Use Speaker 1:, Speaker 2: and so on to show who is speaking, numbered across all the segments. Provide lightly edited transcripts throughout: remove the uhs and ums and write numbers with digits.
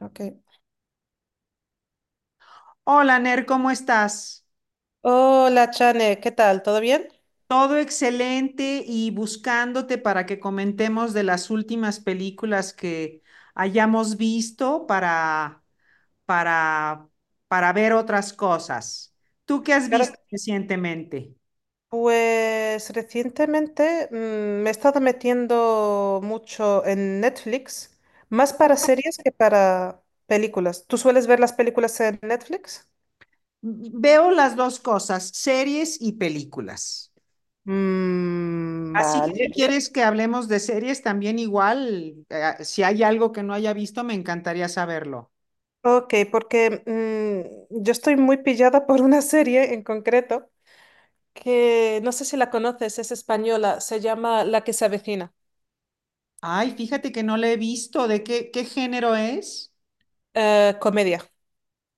Speaker 1: Ok.
Speaker 2: Hola, Ner, ¿cómo estás?
Speaker 1: Hola, Chane, ¿qué tal? ¿Todo bien?
Speaker 2: Todo excelente y buscándote para que comentemos de las últimas películas que hayamos visto para, para ver otras cosas. ¿Tú qué has
Speaker 1: Claro.
Speaker 2: visto recientemente?
Speaker 1: Pues recientemente me he estado metiendo mucho en Netflix, más para series que para películas. ¿Tú sueles ver las películas en Netflix?
Speaker 2: Veo las dos cosas, series y películas.
Speaker 1: Mm,
Speaker 2: Así que si
Speaker 1: vale.
Speaker 2: quieres que hablemos de series también igual, si hay algo que no haya visto, me encantaría saberlo.
Speaker 1: Ok, porque yo estoy muy pillada por una serie en concreto que no sé si la conoces, es española, se llama La que se avecina.
Speaker 2: Ay, fíjate que no le he visto. Qué género es?
Speaker 1: Comedia.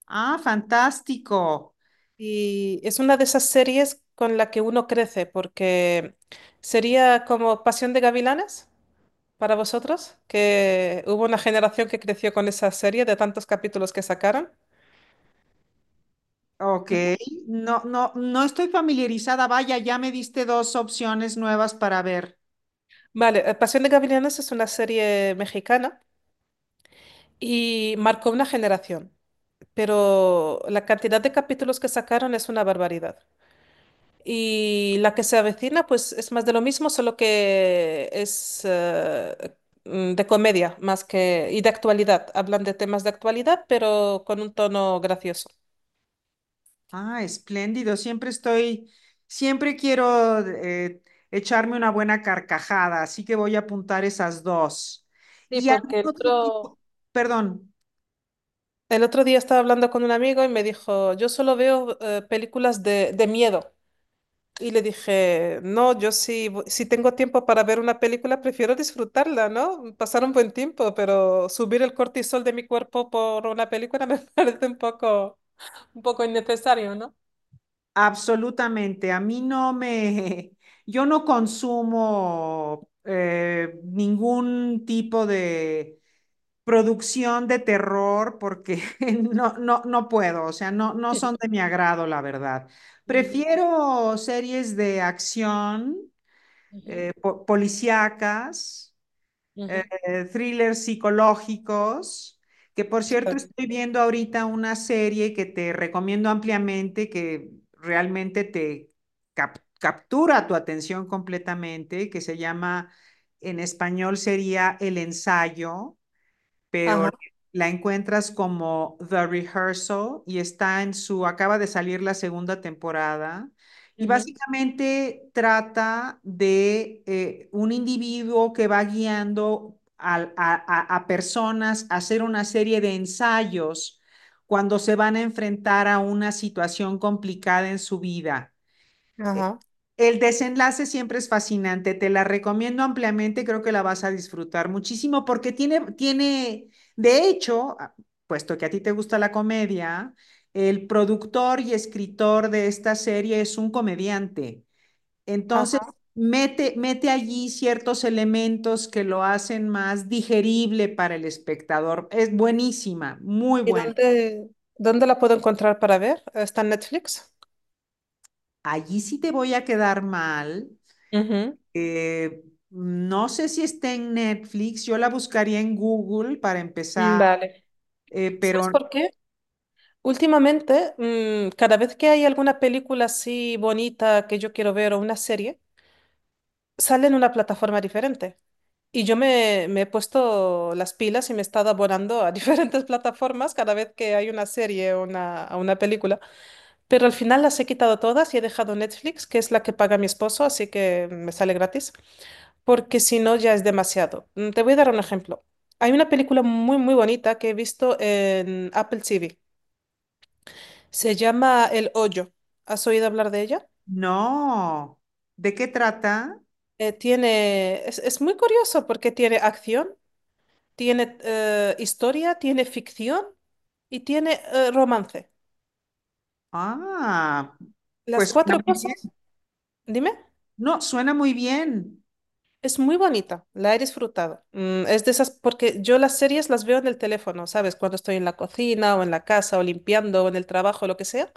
Speaker 2: Ah, fantástico.
Speaker 1: Y es una de esas series con la que uno crece, porque sería como Pasión de Gavilanes para vosotros, que hubo una generación que creció con esa serie de tantos capítulos que sacaron.
Speaker 2: Ok, no, no, no estoy familiarizada. Vaya, ya me diste dos opciones nuevas para ver.
Speaker 1: Vale, Pasión de Gavilanes es una serie mexicana y marcó una generación, pero la cantidad de capítulos que sacaron es una barbaridad. Y la que se avecina, pues es más de lo mismo, solo que es de comedia más que y de actualidad. Hablan de temas de actualidad, pero con un tono gracioso.
Speaker 2: Ah, espléndido. Siempre quiero echarme una buena carcajada, así que voy a apuntar esas dos.
Speaker 1: Sí,
Speaker 2: Y algún
Speaker 1: porque el
Speaker 2: otro
Speaker 1: otro...
Speaker 2: tipo, perdón,
Speaker 1: El otro día estaba hablando con un amigo y me dijo, yo solo veo películas de miedo. Y le dije, no, yo sí, si tengo tiempo para ver una película, prefiero disfrutarla, ¿no? Pasar un buen tiempo, pero subir el cortisol de mi cuerpo por una película me parece un poco... Un poco innecesario, ¿no?
Speaker 2: absolutamente. A mí no me, yo no consumo ningún tipo de producción de terror porque no, no, no puedo, o sea, no, no son de mi agrado, la verdad.
Speaker 1: Ujú,
Speaker 2: Prefiero series de acción,
Speaker 1: ujú,
Speaker 2: policíacas, eh,
Speaker 1: ujú.
Speaker 2: thrillers psicológicos, que por
Speaker 1: Está
Speaker 2: cierto
Speaker 1: bien.
Speaker 2: estoy viendo ahorita una serie que te recomiendo ampliamente, que realmente te captura tu atención completamente, que se llama, en español sería El Ensayo, pero
Speaker 1: Ajá,
Speaker 2: la encuentras como The Rehearsal y está en su, acaba de salir la segunda temporada. Y
Speaker 1: ujú.
Speaker 2: básicamente trata de un individuo que va guiando a, a personas a hacer una serie de ensayos cuando se van a enfrentar a una situación complicada en su vida.
Speaker 1: Ajá,
Speaker 2: El desenlace siempre es fascinante, te la recomiendo ampliamente, creo que la vas a disfrutar muchísimo porque de hecho, ah, puesto que a ti te gusta la comedia, el productor y escritor de esta serie es un comediante. Entonces,
Speaker 1: ajá.
Speaker 2: mete allí ciertos elementos que lo hacen más digerible para el espectador. Es buenísima, muy
Speaker 1: ¿Y
Speaker 2: buena.
Speaker 1: dónde, dónde la puedo encontrar para ver? ¿Está en Netflix?
Speaker 2: Allí sí te voy a quedar mal.
Speaker 1: Ujú.
Speaker 2: Eh, no sé si está en Netflix, yo la buscaría en Google para
Speaker 1: Mm,
Speaker 2: empezar,
Speaker 1: vale. ¿Sabes
Speaker 2: pero
Speaker 1: por qué? Últimamente, cada vez que hay alguna película así bonita que yo quiero ver o una serie, sale en una plataforma diferente. Y yo me he puesto las pilas y me he estado abonando a diferentes plataformas cada vez que hay una serie a una película. Pero al final las he quitado todas y he dejado Netflix, que es la que paga mi esposo, así que me sale gratis, porque si no ya es demasiado. Te voy a dar un ejemplo. Hay una película muy, muy bonita que he visto en Apple TV. Se llama El Hoyo. ¿Has oído hablar de ella?
Speaker 2: no. ¿De qué trata?
Speaker 1: Es muy curioso porque tiene acción, tiene historia, tiene ficción y tiene romance.
Speaker 2: Ah,
Speaker 1: Las
Speaker 2: pues suena
Speaker 1: cuatro
Speaker 2: muy bien.
Speaker 1: cosas, dime.
Speaker 2: No, suena muy bien,
Speaker 1: Es muy bonita, la he disfrutado. Mm, es de esas, porque yo las series las veo en el teléfono, ¿sabes? Cuando estoy en la cocina o en la casa o limpiando o en el trabajo, lo que sea,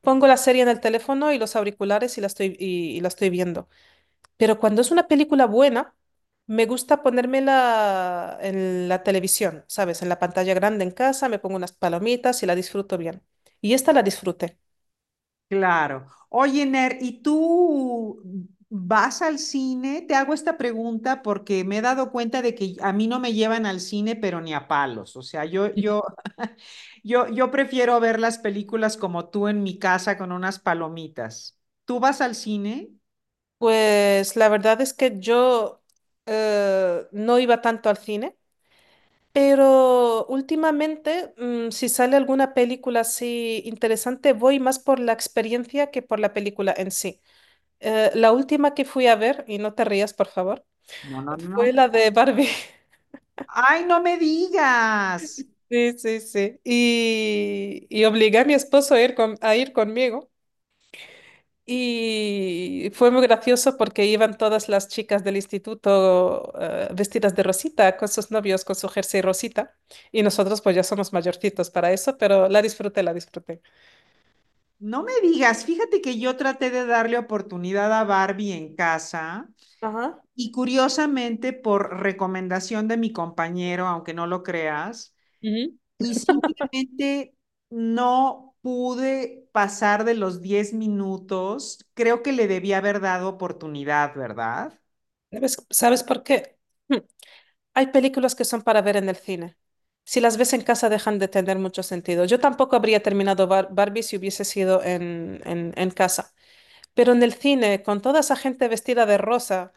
Speaker 1: pongo la serie en el teléfono y los auriculares y la estoy, y la estoy viendo. Pero cuando es una película buena, me gusta ponérmela en la televisión, ¿sabes? En la pantalla grande en casa, me pongo unas palomitas y la disfruto bien. Y esta la disfruté.
Speaker 2: claro. Oye, Ner, ¿y tú vas al cine? Te hago esta pregunta porque me he dado cuenta de que a mí no me llevan al cine, pero ni a palos. O sea, yo yo prefiero ver las películas como tú en mi casa con unas palomitas. ¿Tú vas al cine?
Speaker 1: Pues la verdad es que yo no iba tanto al cine. Pero últimamente, si sale alguna película así interesante, voy más por la experiencia que por la película en sí. La última que fui a ver, y no te rías, por favor,
Speaker 2: No, no, no,
Speaker 1: fue
Speaker 2: no.
Speaker 1: la de Barbie.
Speaker 2: Ay, no me digas,
Speaker 1: Sí, sí, sí. Y obligué a mi esposo a ir, a ir conmigo. Y fue muy gracioso porque iban todas las chicas del instituto, vestidas de rosita, con sus novios, con su jersey rosita. Y nosotros pues ya somos mayorcitos para eso, pero la disfruté, la disfruté.
Speaker 2: no me digas. Fíjate que yo traté de darle oportunidad a Barbie en casa
Speaker 1: Ajá.
Speaker 2: y curiosamente por recomendación de mi compañero, aunque no lo creas,
Speaker 1: Ujú.
Speaker 2: y simplemente no pude pasar de los 10 minutos. Creo que le debía haber dado oportunidad, ¿verdad?
Speaker 1: ¿Sabes, sabes por qué? Hmm. Hay películas que son para ver en el cine. Si las ves en casa dejan de tener mucho sentido. Yo tampoco habría terminado Barbie si hubiese sido en casa. Pero en el cine, con toda esa gente vestida de rosa,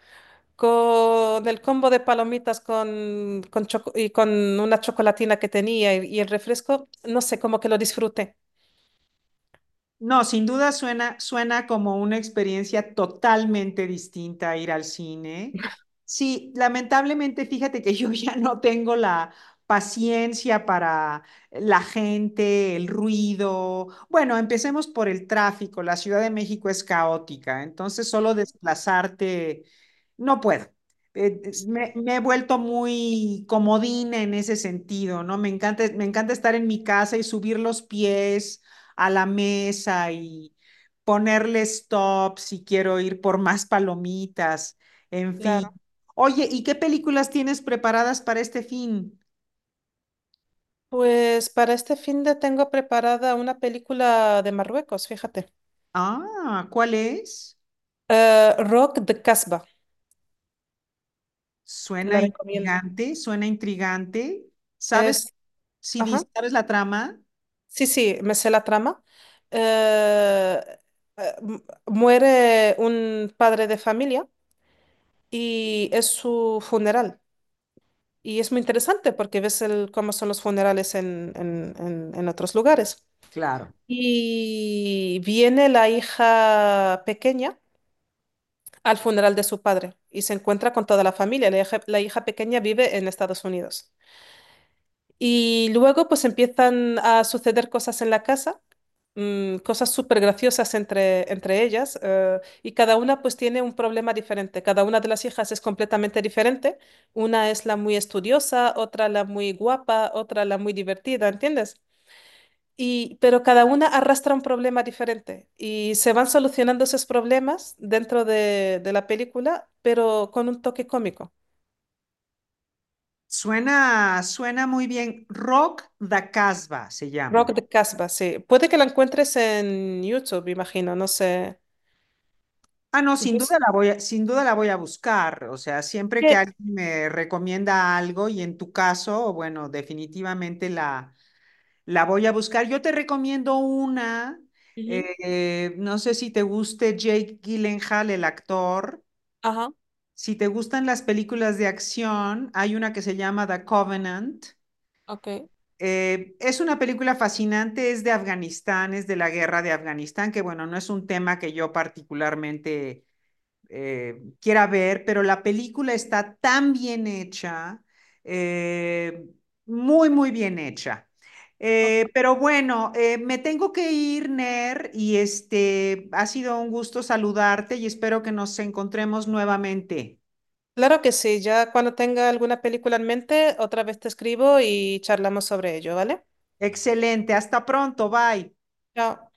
Speaker 1: con el combo de palomitas con y con una chocolatina que tenía y el refresco, no sé, como que lo disfruté.
Speaker 2: No, sin duda suena, suena como una experiencia totalmente distinta a ir al cine. Sí, lamentablemente, fíjate que yo ya no tengo la paciencia para la gente, el ruido. Bueno, empecemos por el tráfico. La Ciudad de México es caótica, entonces solo
Speaker 1: Ujú,
Speaker 2: desplazarte, no puedo.
Speaker 1: sí.
Speaker 2: Me he vuelto muy comodina en ese sentido, ¿no? Me encanta estar en mi casa y subir los pies a la mesa y ponerle stop si quiero ir por más palomitas, en
Speaker 1: Claro.
Speaker 2: fin. Oye, ¿y qué películas tienes preparadas para este fin?
Speaker 1: Pues para este fin de tengo preparada una película de Marruecos, fíjate.
Speaker 2: Ah, ¿cuál es?
Speaker 1: Rock de Casbah, te
Speaker 2: Suena
Speaker 1: la recomiendo.
Speaker 2: intrigante, suena intrigante. ¿Sabes
Speaker 1: Es,
Speaker 2: si
Speaker 1: ajá,
Speaker 2: sabes la trama?
Speaker 1: sí, sí, me sé la trama. Eh, eh, mu- muere un padre de familia y es su funeral. Y es muy interesante porque ves el, cómo son los funerales en, en otros lugares.
Speaker 2: Claro.
Speaker 1: Y viene la hija pequeña al funeral de su padre y se encuentra con toda la familia. La hija pequeña vive en Estados Unidos. Y luego pues empiezan a suceder cosas en la casa, cosas súper graciosas entre ellas, y cada una pues tiene un problema diferente. Cada una de las hijas es completamente diferente. Una es la muy estudiosa, otra la muy guapa, otra la muy divertida, ¿entiendes? Y, pero cada una arrastra un problema diferente y se van solucionando esos problemas dentro de la película, pero con un toque cómico.
Speaker 2: Suena, suena muy bien. Rock da Casbah se llama.
Speaker 1: Rock de Casbah, sí. Puede que la encuentres en YouTube, imagino, no sé.
Speaker 2: Ah, no, sin
Speaker 1: Pues,
Speaker 2: duda sin duda la voy a buscar. O sea, siempre que
Speaker 1: que-
Speaker 2: alguien me recomienda algo y en tu caso, bueno, definitivamente la, la voy a buscar. Yo te recomiendo una,
Speaker 1: Ujú.
Speaker 2: no sé si te guste Jake Gyllenhaal, el actor.
Speaker 1: Ajá,
Speaker 2: Si te gustan las películas de acción, hay una que se llama The Covenant.
Speaker 1: ok.
Speaker 2: Es una película fascinante, es de Afganistán, es de la guerra de Afganistán, que bueno, no es un tema que yo particularmente quiera ver, pero la película está tan bien hecha, eh, muy, muy bien hecha.
Speaker 1: Ok.
Speaker 2: Pero bueno, me tengo que ir, Ner, y este ha sido un gusto saludarte y espero que nos encontremos nuevamente.
Speaker 1: Claro que sí, ya cuando tenga alguna película en mente, otra vez te escribo y charlamos sobre ello, ¿vale?
Speaker 2: Excelente, hasta pronto, bye.
Speaker 1: Chao.